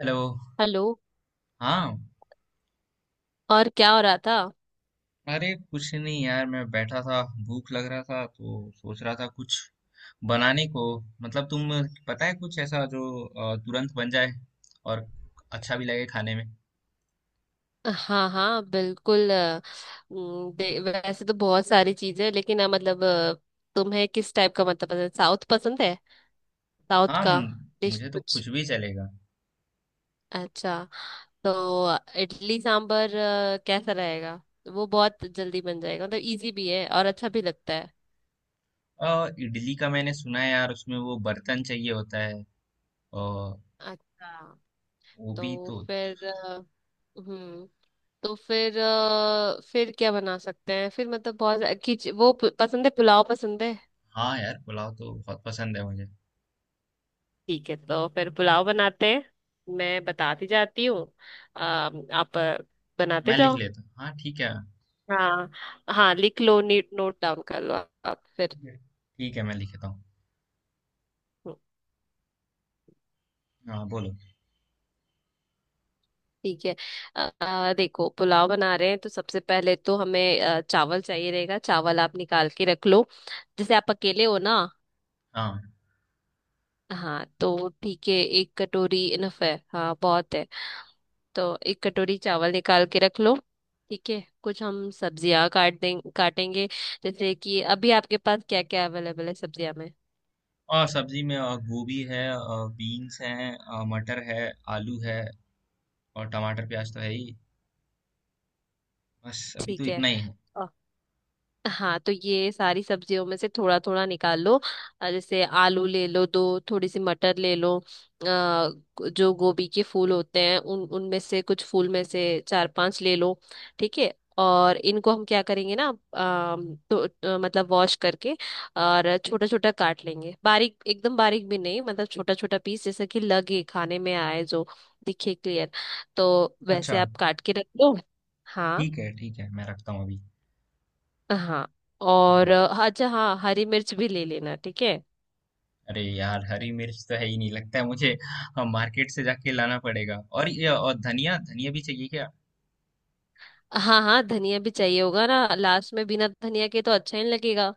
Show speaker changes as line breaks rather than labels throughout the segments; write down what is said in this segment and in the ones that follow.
Hello.
Hello.
हाँ।
और क्या हो रहा था।
अरे कुछ नहीं यार, मैं बैठा था। भूख लग रहा था तो सोच रहा था कुछ बनाने को। मतलब तुम पता है कुछ ऐसा जो तुरंत बन जाए और अच्छा भी लगे खाने में।
हाँ हाँ बिल्कुल वैसे तो बहुत सारी चीजें हैं, लेकिन मतलब तुम्हें किस टाइप का मतलब पसंद साउथ पसंद है। साउथ
हाँ,
का डिश
मुझे तो
कुछ
कुछ भी चलेगा।
अच्छा। तो इडली सांबर कैसा रहेगा। वो बहुत जल्दी बन जाएगा मतलब इजी भी है और अच्छा भी लगता है।
इडली का मैंने सुना है यार, उसमें वो बर्तन चाहिए होता है, और
अच्छा।
वो
तो
भी तो।
फिर हम्म तो फिर क्या बना सकते हैं फिर मतलब बहुत पसंद है पुलाव पसंद है।
हाँ यार, पुलाव तो बहुत पसंद है मुझे।
ठीक है तो फिर पुलाव बनाते हैं। मैं बताती जाती हूँ। आप बनाते
मैं लिख
जाओ।
लेता हूँ, हाँ ठीक है।
हाँ हाँ लिख लो नीट नोट डाउन कर लो आप फिर।
ठीक है ठीक है, मैं लिखता हूँ।
हम्म,
हाँ बोलो।
ठीक है। देखो पुलाव बना रहे हैं तो सबसे पहले तो हमें चावल चाहिए रहेगा चावल आप निकाल के रख लो। जैसे आप अकेले हो ना।
हाँ।
हाँ तो ठीक है एक कटोरी इनफ है हाँ बहुत है। तो एक कटोरी चावल निकाल के रख लो। ठीक है कुछ हम सब्जियां काट दें काटेंगे। जैसे कि अभी आपके पास क्या क्या अवेलेबल है सब्जियां में।
और सब्जी में गोभी है, बीन्स हैं, मटर है, आलू है, और टमाटर प्याज तो है ही। बस अभी तो
ठीक है।
इतना ही है।
हाँ तो ये सारी सब्जियों में से थोड़ा थोड़ा निकाल लो। जैसे आलू ले लो दो थोड़ी सी मटर ले लो जो गोभी के फूल होते हैं उन उनमें से कुछ फूल में से चार पांच ले लो। ठीक है और इनको हम क्या करेंगे ना। अम, तो, मतलब वॉश करके और छोटा छोटा काट लेंगे बारीक एकदम बारीक भी नहीं मतलब छोटा छोटा पीस जैसा कि लगे खाने में आए जो दिखे क्लियर। तो वैसे
अच्छा,
आप काट के रख लो। हाँ
ठीक है ठीक है, मैं रखता हूँ अभी।
हाँ। और अच्छा हाँ हरी मिर्च भी ले लेना ठीक है।
अरे यार, हरी मिर्च तो है ही नहीं लगता है मुझे। मार्केट से जाके लाना पड़ेगा। और ये और धनिया, धनिया भी चाहिए क्या?
हाँ हाँ धनिया भी चाहिए होगा ना लास्ट में बिना धनिया के तो अच्छा ही नहीं लगेगा।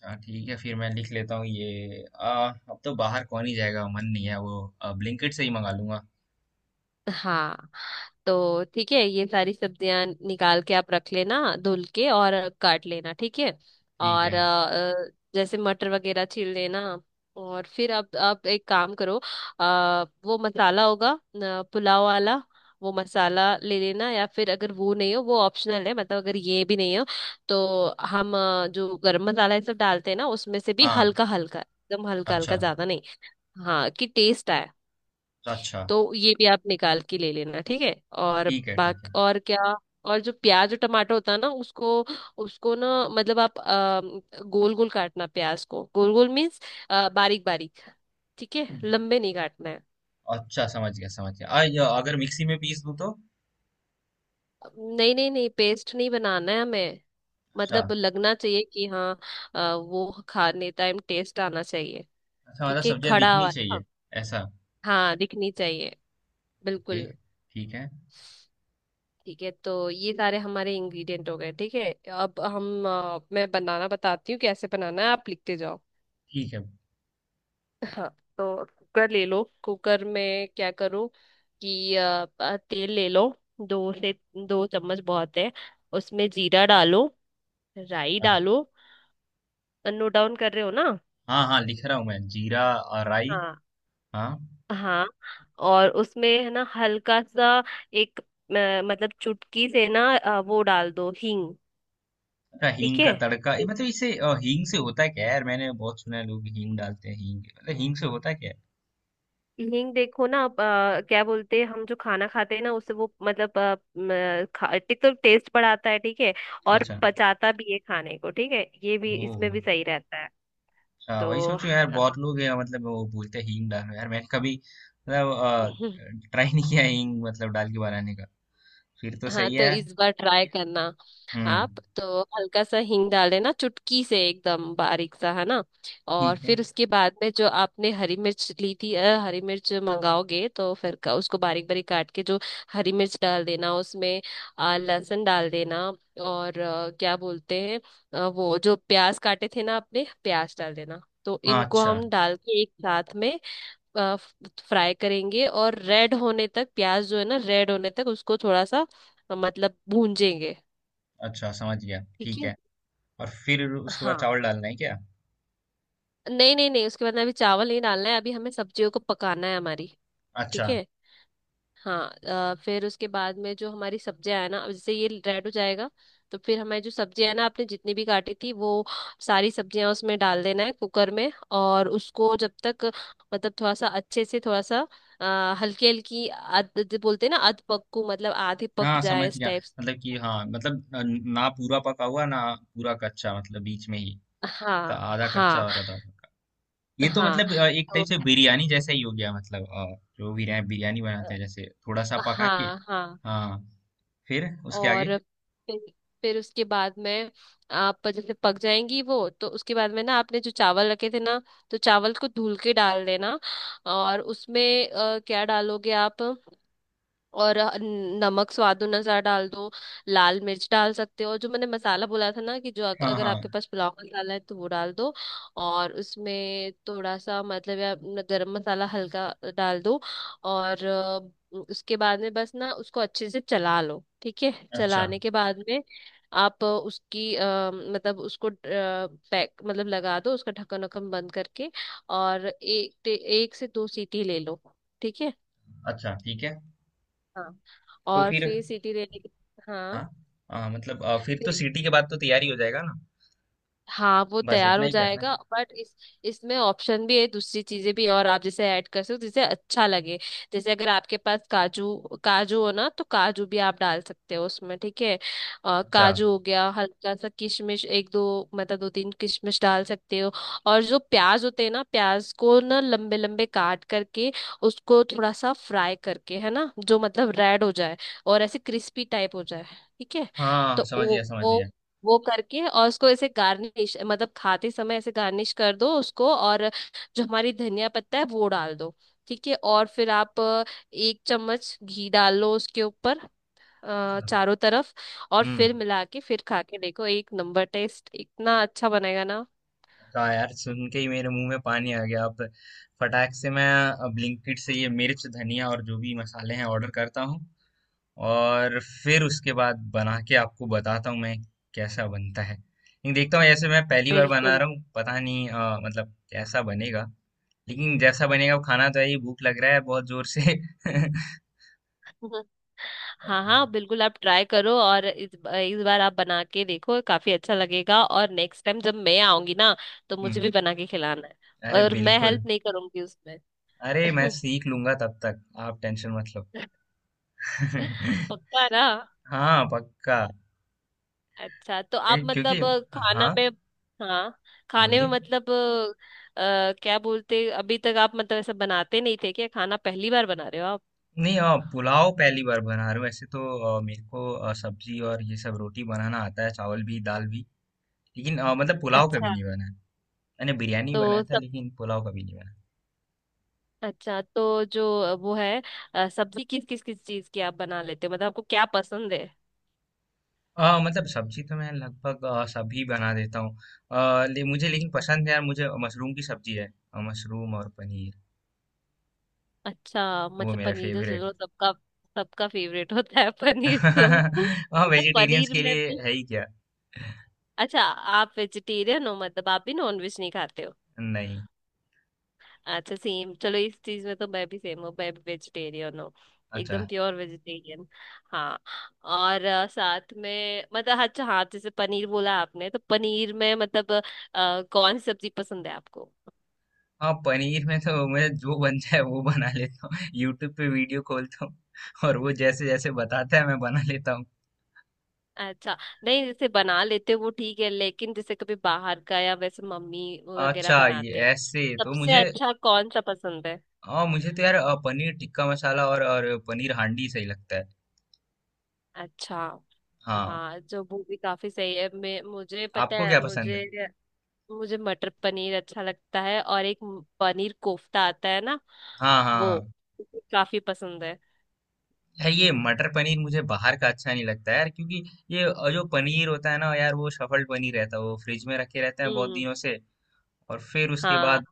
अच्छा ठीक है, फिर मैं लिख लेता हूँ ये अब तो बाहर कौन ही जाएगा, मन नहीं है वो। ब्लिंकिट से ही मंगा लूंगा।
हाँ तो ठीक है ये सारी सब्जियां निकाल के आप रख लेना धुल के और काट लेना ठीक है।
ठीक
और
है।
अ, जैसे मटर वगैरह छील लेना। और फिर आप एक काम करो। वो मसाला होगा पुलाव वाला वो मसाला ले लेना या फिर अगर वो नहीं हो वो ऑप्शनल है मतलब अगर ये भी नहीं हो तो हम जो गरम मसाला ये सब डालते हैं ना उसमें से भी
हाँ।
हल्का हल्का एकदम हल्का
अच्छा।
हल्का ज्यादा नहीं। हाँ कि टेस्ट आए।
तो अच्छा।
तो ये भी आप निकाल के ले लेना ठीक है। और
ठीक है ठीक
बाकी और क्या। और जो प्याज और टमाटर होता है ना उसको उसको ना मतलब आप गोल गोल काटना प्याज को गोल गोल मीन्स बारीक बारीक ठीक है
है।
लंबे नहीं काटना है।
अच्छा, समझ गया समझ गया। अगर मिक्सी में पीस दूं तो?
नहीं नहीं नहीं पेस्ट नहीं बनाना है हमें।
अच्छा।
मतलब लगना चाहिए कि हाँ वो खाने टाइम टेस्ट आना चाहिए।
अच्छा, मतलब
ठीक है
सब्जियां
खड़ा
दिखनी
वाला हाँ।
चाहिए। ऐसा?
हाँ, दिखनी चाहिए
ओके,
बिल्कुल।
ठीक है
ठीक है तो ये सारे हमारे इंग्रेडिएंट हो गए ठीक है अब मैं बनाना बताती हूँ कैसे बनाना है आप लिखते जाओ।
ठीक है।
हाँ। तो कुकर ले लो कुकर में क्या करो कि तेल ले लो दो से दो चम्मच बहुत है। उसमें जीरा डालो राई
अ-
डालो। नोट डाउन कर रहे हो ना।
हाँ हाँ, लिख रहा हूँ मैं। जीरा, राई।
हाँ
हाँ।
हाँ। और उसमें है ना हल्का सा एक मतलब चुटकी से ना वो डाल दो हींग।
अच्छा,
ठीक
हींग
है।
का तड़का? ये मतलब इसे हींग से होता है क्या? यार, मैंने बहुत सुना है लोग हींग डालते हैं। हींग मतलब हींग से होता है क्या?
हींग देखो ना आप, क्या बोलते हैं हम जो खाना खाते हैं ना उससे वो मतलब एक तो टेस्ट बढ़ाता है ठीक है। और
अच्छा।
पचाता भी है खाने को ठीक है ये भी
ओ
इसमें भी सही रहता है।
अच्छा, वही
तो
सोचो यार।
अ,
बहुत लोग हैं मतलब, वो बोलते हैं हींग डालो यार। मैंने कभी मतलब ट्राई नहीं किया है हींग मतलब डाल के बनाने का। फिर तो
हाँ
सही है
तो
यार।
इस बार ट्राई करना।
हम्म।
आप तो हल्का सा हींग डाल देना चुटकी से एकदम बारीक सा है ना। और
ठीक है।
फिर उसके बाद में जो आपने हरी मिर्च ली थी हरी मिर्च मंगाओगे तो फिर उसको बारीक बारीक काट के जो हरी मिर्च डाल देना उसमें लहसुन डाल देना। और क्या बोलते हैं वो जो प्याज काटे थे ना आपने प्याज डाल देना तो
हाँ।
इनको
अच्छा।
हम डाल के एक साथ में फ्राई करेंगे और रेड होने तक प्याज जो है ना रेड होने तक उसको थोड़ा सा मतलब भूंजेंगे
अच्छा, समझ गया।
ठीक
ठीक
है।
है। और फिर उसके बाद
हाँ
चावल डालना है क्या?
नहीं नहीं नहीं उसके बाद में अभी चावल नहीं डालना है अभी हमें सब्जियों को पकाना है हमारी। ठीक
अच्छा
है हाँ। फिर उसके बाद में जो हमारी सब्जियां है ना अब जैसे ये रेड हो जाएगा तो फिर हमारी जो सब्जियां है ना आपने जितनी भी काटी थी वो सारी सब्जियां उसमें डाल देना है कुकर में और उसको जब तक मतलब थोड़ा सा अच्छे से थोड़ा सा हल्की हल्की अध जो बोलते हैं ना अध पक्कू मतलब आधे पक
हाँ,
जाए
समझ
इस
गया।
टाइप।
मतलब कि हाँ, मतलब ना पूरा पका हुआ, ना पूरा कच्चा, मतलब बीच में ही। तो
हाँ
आधा कच्चा
हाँ
और आधा पका। ये तो
हाँ
मतलब एक टाइप
तो
से बिरयानी जैसा ही हो गया। मतलब जो बिरयानी बिरयानी बनाते
अ,
हैं जैसे थोड़ा सा पका के।
हाँ हाँ।
हाँ। फिर उसके आगे?
और फिर उसके बाद में आप जैसे पक जाएंगी वो तो उसके बाद में ना आपने जो चावल रखे थे ना तो चावल को धुल के डाल देना और उसमें क्या डालोगे आप। और नमक स्वाद अनुसार डाल दो। लाल मिर्च डाल सकते हो और जो मैंने मसाला बोला था ना कि जो
हाँ
अगर आपके
हाँ।
पास पुलाव मसाला है तो वो डाल दो। और उसमें थोड़ा सा मतलब या अपना गरम मसाला हल्का डाल दो। और उसके बाद में बस ना उसको अच्छे से चला लो ठीक है
अच्छा।
चलाने के बाद में आप उसकी मतलब उसको पैक मतलब लगा दो उसका ढक्कन वक्कन बंद करके और एक एक से दो सीटी ले लो। ठीक है
अच्छा, ठीक है।
हाँ।
तो
और
फिर?
फिर सिटी रैली
हाँ
हाँ
हाँ, मतलब फिर तो
फिर।
सीटी के बाद तो तैयारी हो जाएगा ना?
हाँ वो
बस
तैयार
इतना
हो
ही करना
जाएगा
है?
बट इस इसमें ऑप्शन भी है दूसरी चीजें भी है और आप जैसे ऐड कर सकते हो जिसे अच्छा लगे। जैसे अगर आपके पास काजू काजू हो ना तो काजू भी आप डाल सकते हो उसमें ठीक है।
अच्छा
काजू हो गया हल्का सा किशमिश एक दो मतलब दो तीन किशमिश डाल सकते हो। और जो प्याज होते हैं ना प्याज को ना लंबे लंबे काट करके उसको थोड़ा सा फ्राई करके है ना जो मतलब रेड हो जाए और ऐसे क्रिस्पी टाइप हो जाए ठीक है।
हाँ,
तो
समझ गया समझ
वो वो करके और उसको ऐसे गार्निश मतलब खाते समय ऐसे गार्निश कर दो उसको और जो हमारी धनिया पत्ता है वो डाल दो ठीक है। और फिर आप एक चम्मच घी डाल लो उसके ऊपर
गया।
चारों तरफ। और फिर
हुँ।
मिला के फिर खा के देखो एक नंबर टेस्ट इतना अच्छा बनेगा ना।
हाँ यार, सुन के ही मेरे मुँह में पानी आ गया। अब फटाक से मैं ब्लिंकिट से ये मिर्च, धनिया और जो भी मसाले हैं ऑर्डर करता हूँ, और फिर उसके बाद बना के आपको बताता हूँ मैं कैसा बनता है। लेकिन देखता हूँ, ऐसे मैं पहली बार बना
बिल्कुल।
रहा हूँ, पता नहीं मतलब कैसा बनेगा। लेकिन जैसा बनेगा वो खाना तो है ही, भूख लग रहा है बहुत ज़ोर से।
हाँ हाँ बिल्कुल आप ट्राई करो और इस बार आप बना के देखो काफी अच्छा लगेगा और नेक्स्ट टाइम जब मैं आऊंगी ना तो मुझे भी
हुँ।
बना के खिलाना है।
अरे
और मैं
बिल्कुल।
हेल्प नहीं करूंगी उसमें।
अरे मैं सीख लूँगा तब तक, आप टेंशन मत लो।
पक्का ना।
हाँ, पक्का।
अच्छा तो
ए,
आप
क्योंकि
मतलब खाना
हाँ,
में हाँ खाने में
बोलिए।
मतलब क्या बोलते अभी तक आप मतलब ऐसा बनाते नहीं थे क्या खाना पहली बार बना रहे हो आप।
नहीं, पुलाव पहली बार बना रहा हूँ ऐसे तो। मेरे को सब्जी और ये सब रोटी बनाना आता है, चावल भी, दाल भी। लेकिन मतलब पुलाव कभी
अच्छा
नहीं बना है। मैंने बिरयानी बनाया
तो
था
सब
लेकिन पुलाव कभी नहीं बना।
अच्छा तो जो वो है सब्जी किस किस किस चीज की आप बना लेते हो मतलब आपको क्या पसंद है।
मतलब सब्जी तो मैं लगभग सभी बना देता हूँ। मुझे लेकिन पसंद है यार, मुझे मशरूम की सब्जी है। मशरूम और पनीर
अच्छा
वो
मतलब
मेरा
पनीर तो चलो
फेवरेट
सबका सबका फेवरेट होता है
है।
पनीर तो।
हाँ,
मतलब
वेजिटेरियंस
पनीर
के
में
लिए
भी
है ही क्या?
अच्छा आप वेजिटेरियन हो मतलब आप भी नॉन वेज नहीं खाते हो।
नहीं।
अच्छा सेम चलो इस चीज में तो मैं भी सेम हूँ मैं भी वेजिटेरियन हूँ
अच्छा।
एकदम प्योर वेजिटेरियन। हाँ और साथ में मतलब अच्छा हाँ जैसे पनीर बोला आपने तो पनीर में मतलब कौन सी सब्जी पसंद है आपको।
हाँ, पनीर में तो मैं जो बन जाए वो बना लेता हूँ। यूट्यूब पे वीडियो खोलता हूँ, और वो जैसे जैसे बताता है मैं बना लेता हूँ।
अच्छा नहीं जैसे बना लेते हो वो ठीक है लेकिन जैसे कभी बाहर का या वैसे मम्मी वगैरह
अच्छा, ये
बनाते हैं
ऐसे
तो
तो
सबसे
मुझे,
अच्छा कौन सा पसंद है।
हाँ मुझे तो यार पनीर टिक्का मसाला और पनीर हांडी सही लगता है।
अच्छा
हाँ।
हाँ जो वो भी काफी सही है मैं मुझे पता
आपको
है
क्या पसंद
मुझे
है?
मुझे मटर पनीर अच्छा लगता है और एक पनीर कोफ्ता आता है ना
हाँ
वो
हाँ।
काफी पसंद है।
यार, ये मटर पनीर मुझे बाहर का अच्छा नहीं लगता यार, क्योंकि ये जो पनीर होता है ना यार, वो सफल पनीर रहता है, वो फ्रिज में रखे रहते हैं बहुत
हम्म।
दिनों से। और फिर उसके
हाँ
बाद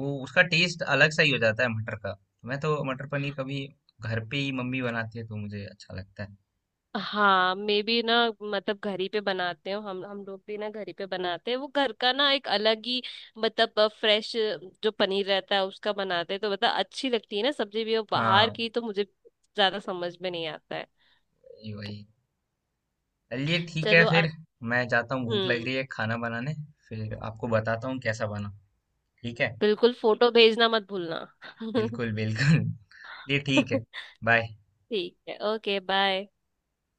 वो उसका टेस्ट अलग सा ही हो जाता है मटर का। मैं तो मटर पनीर कभी घर पे ही, मम्मी बनाती है तो मुझे अच्छा लगता है।
हाँ मे बी ना मतलब घर ही पे बनाते हो हम लोग भी ना घर ही पे बनाते हैं वो घर का ना एक अलग ही मतलब फ्रेश जो पनीर रहता है उसका बनाते हैं तो मतलब अच्छी लगती है ना सब्जी भी और बाहर
हाँ,
की तो मुझे ज्यादा समझ में नहीं आता है।
ये वही। चलिए ठीक है
चलो
फिर,
अब।
मैं जाता हूँ, भूख लग
हम्म।
रही है खाना बनाने। फिर आपको बताता हूँ कैसा बना। ठीक है।
बिल्कुल फोटो भेजना मत भूलना।
बिल्कुल बिल्कुल। ये ठीक है। बाय।
ठीक है ओके बाय।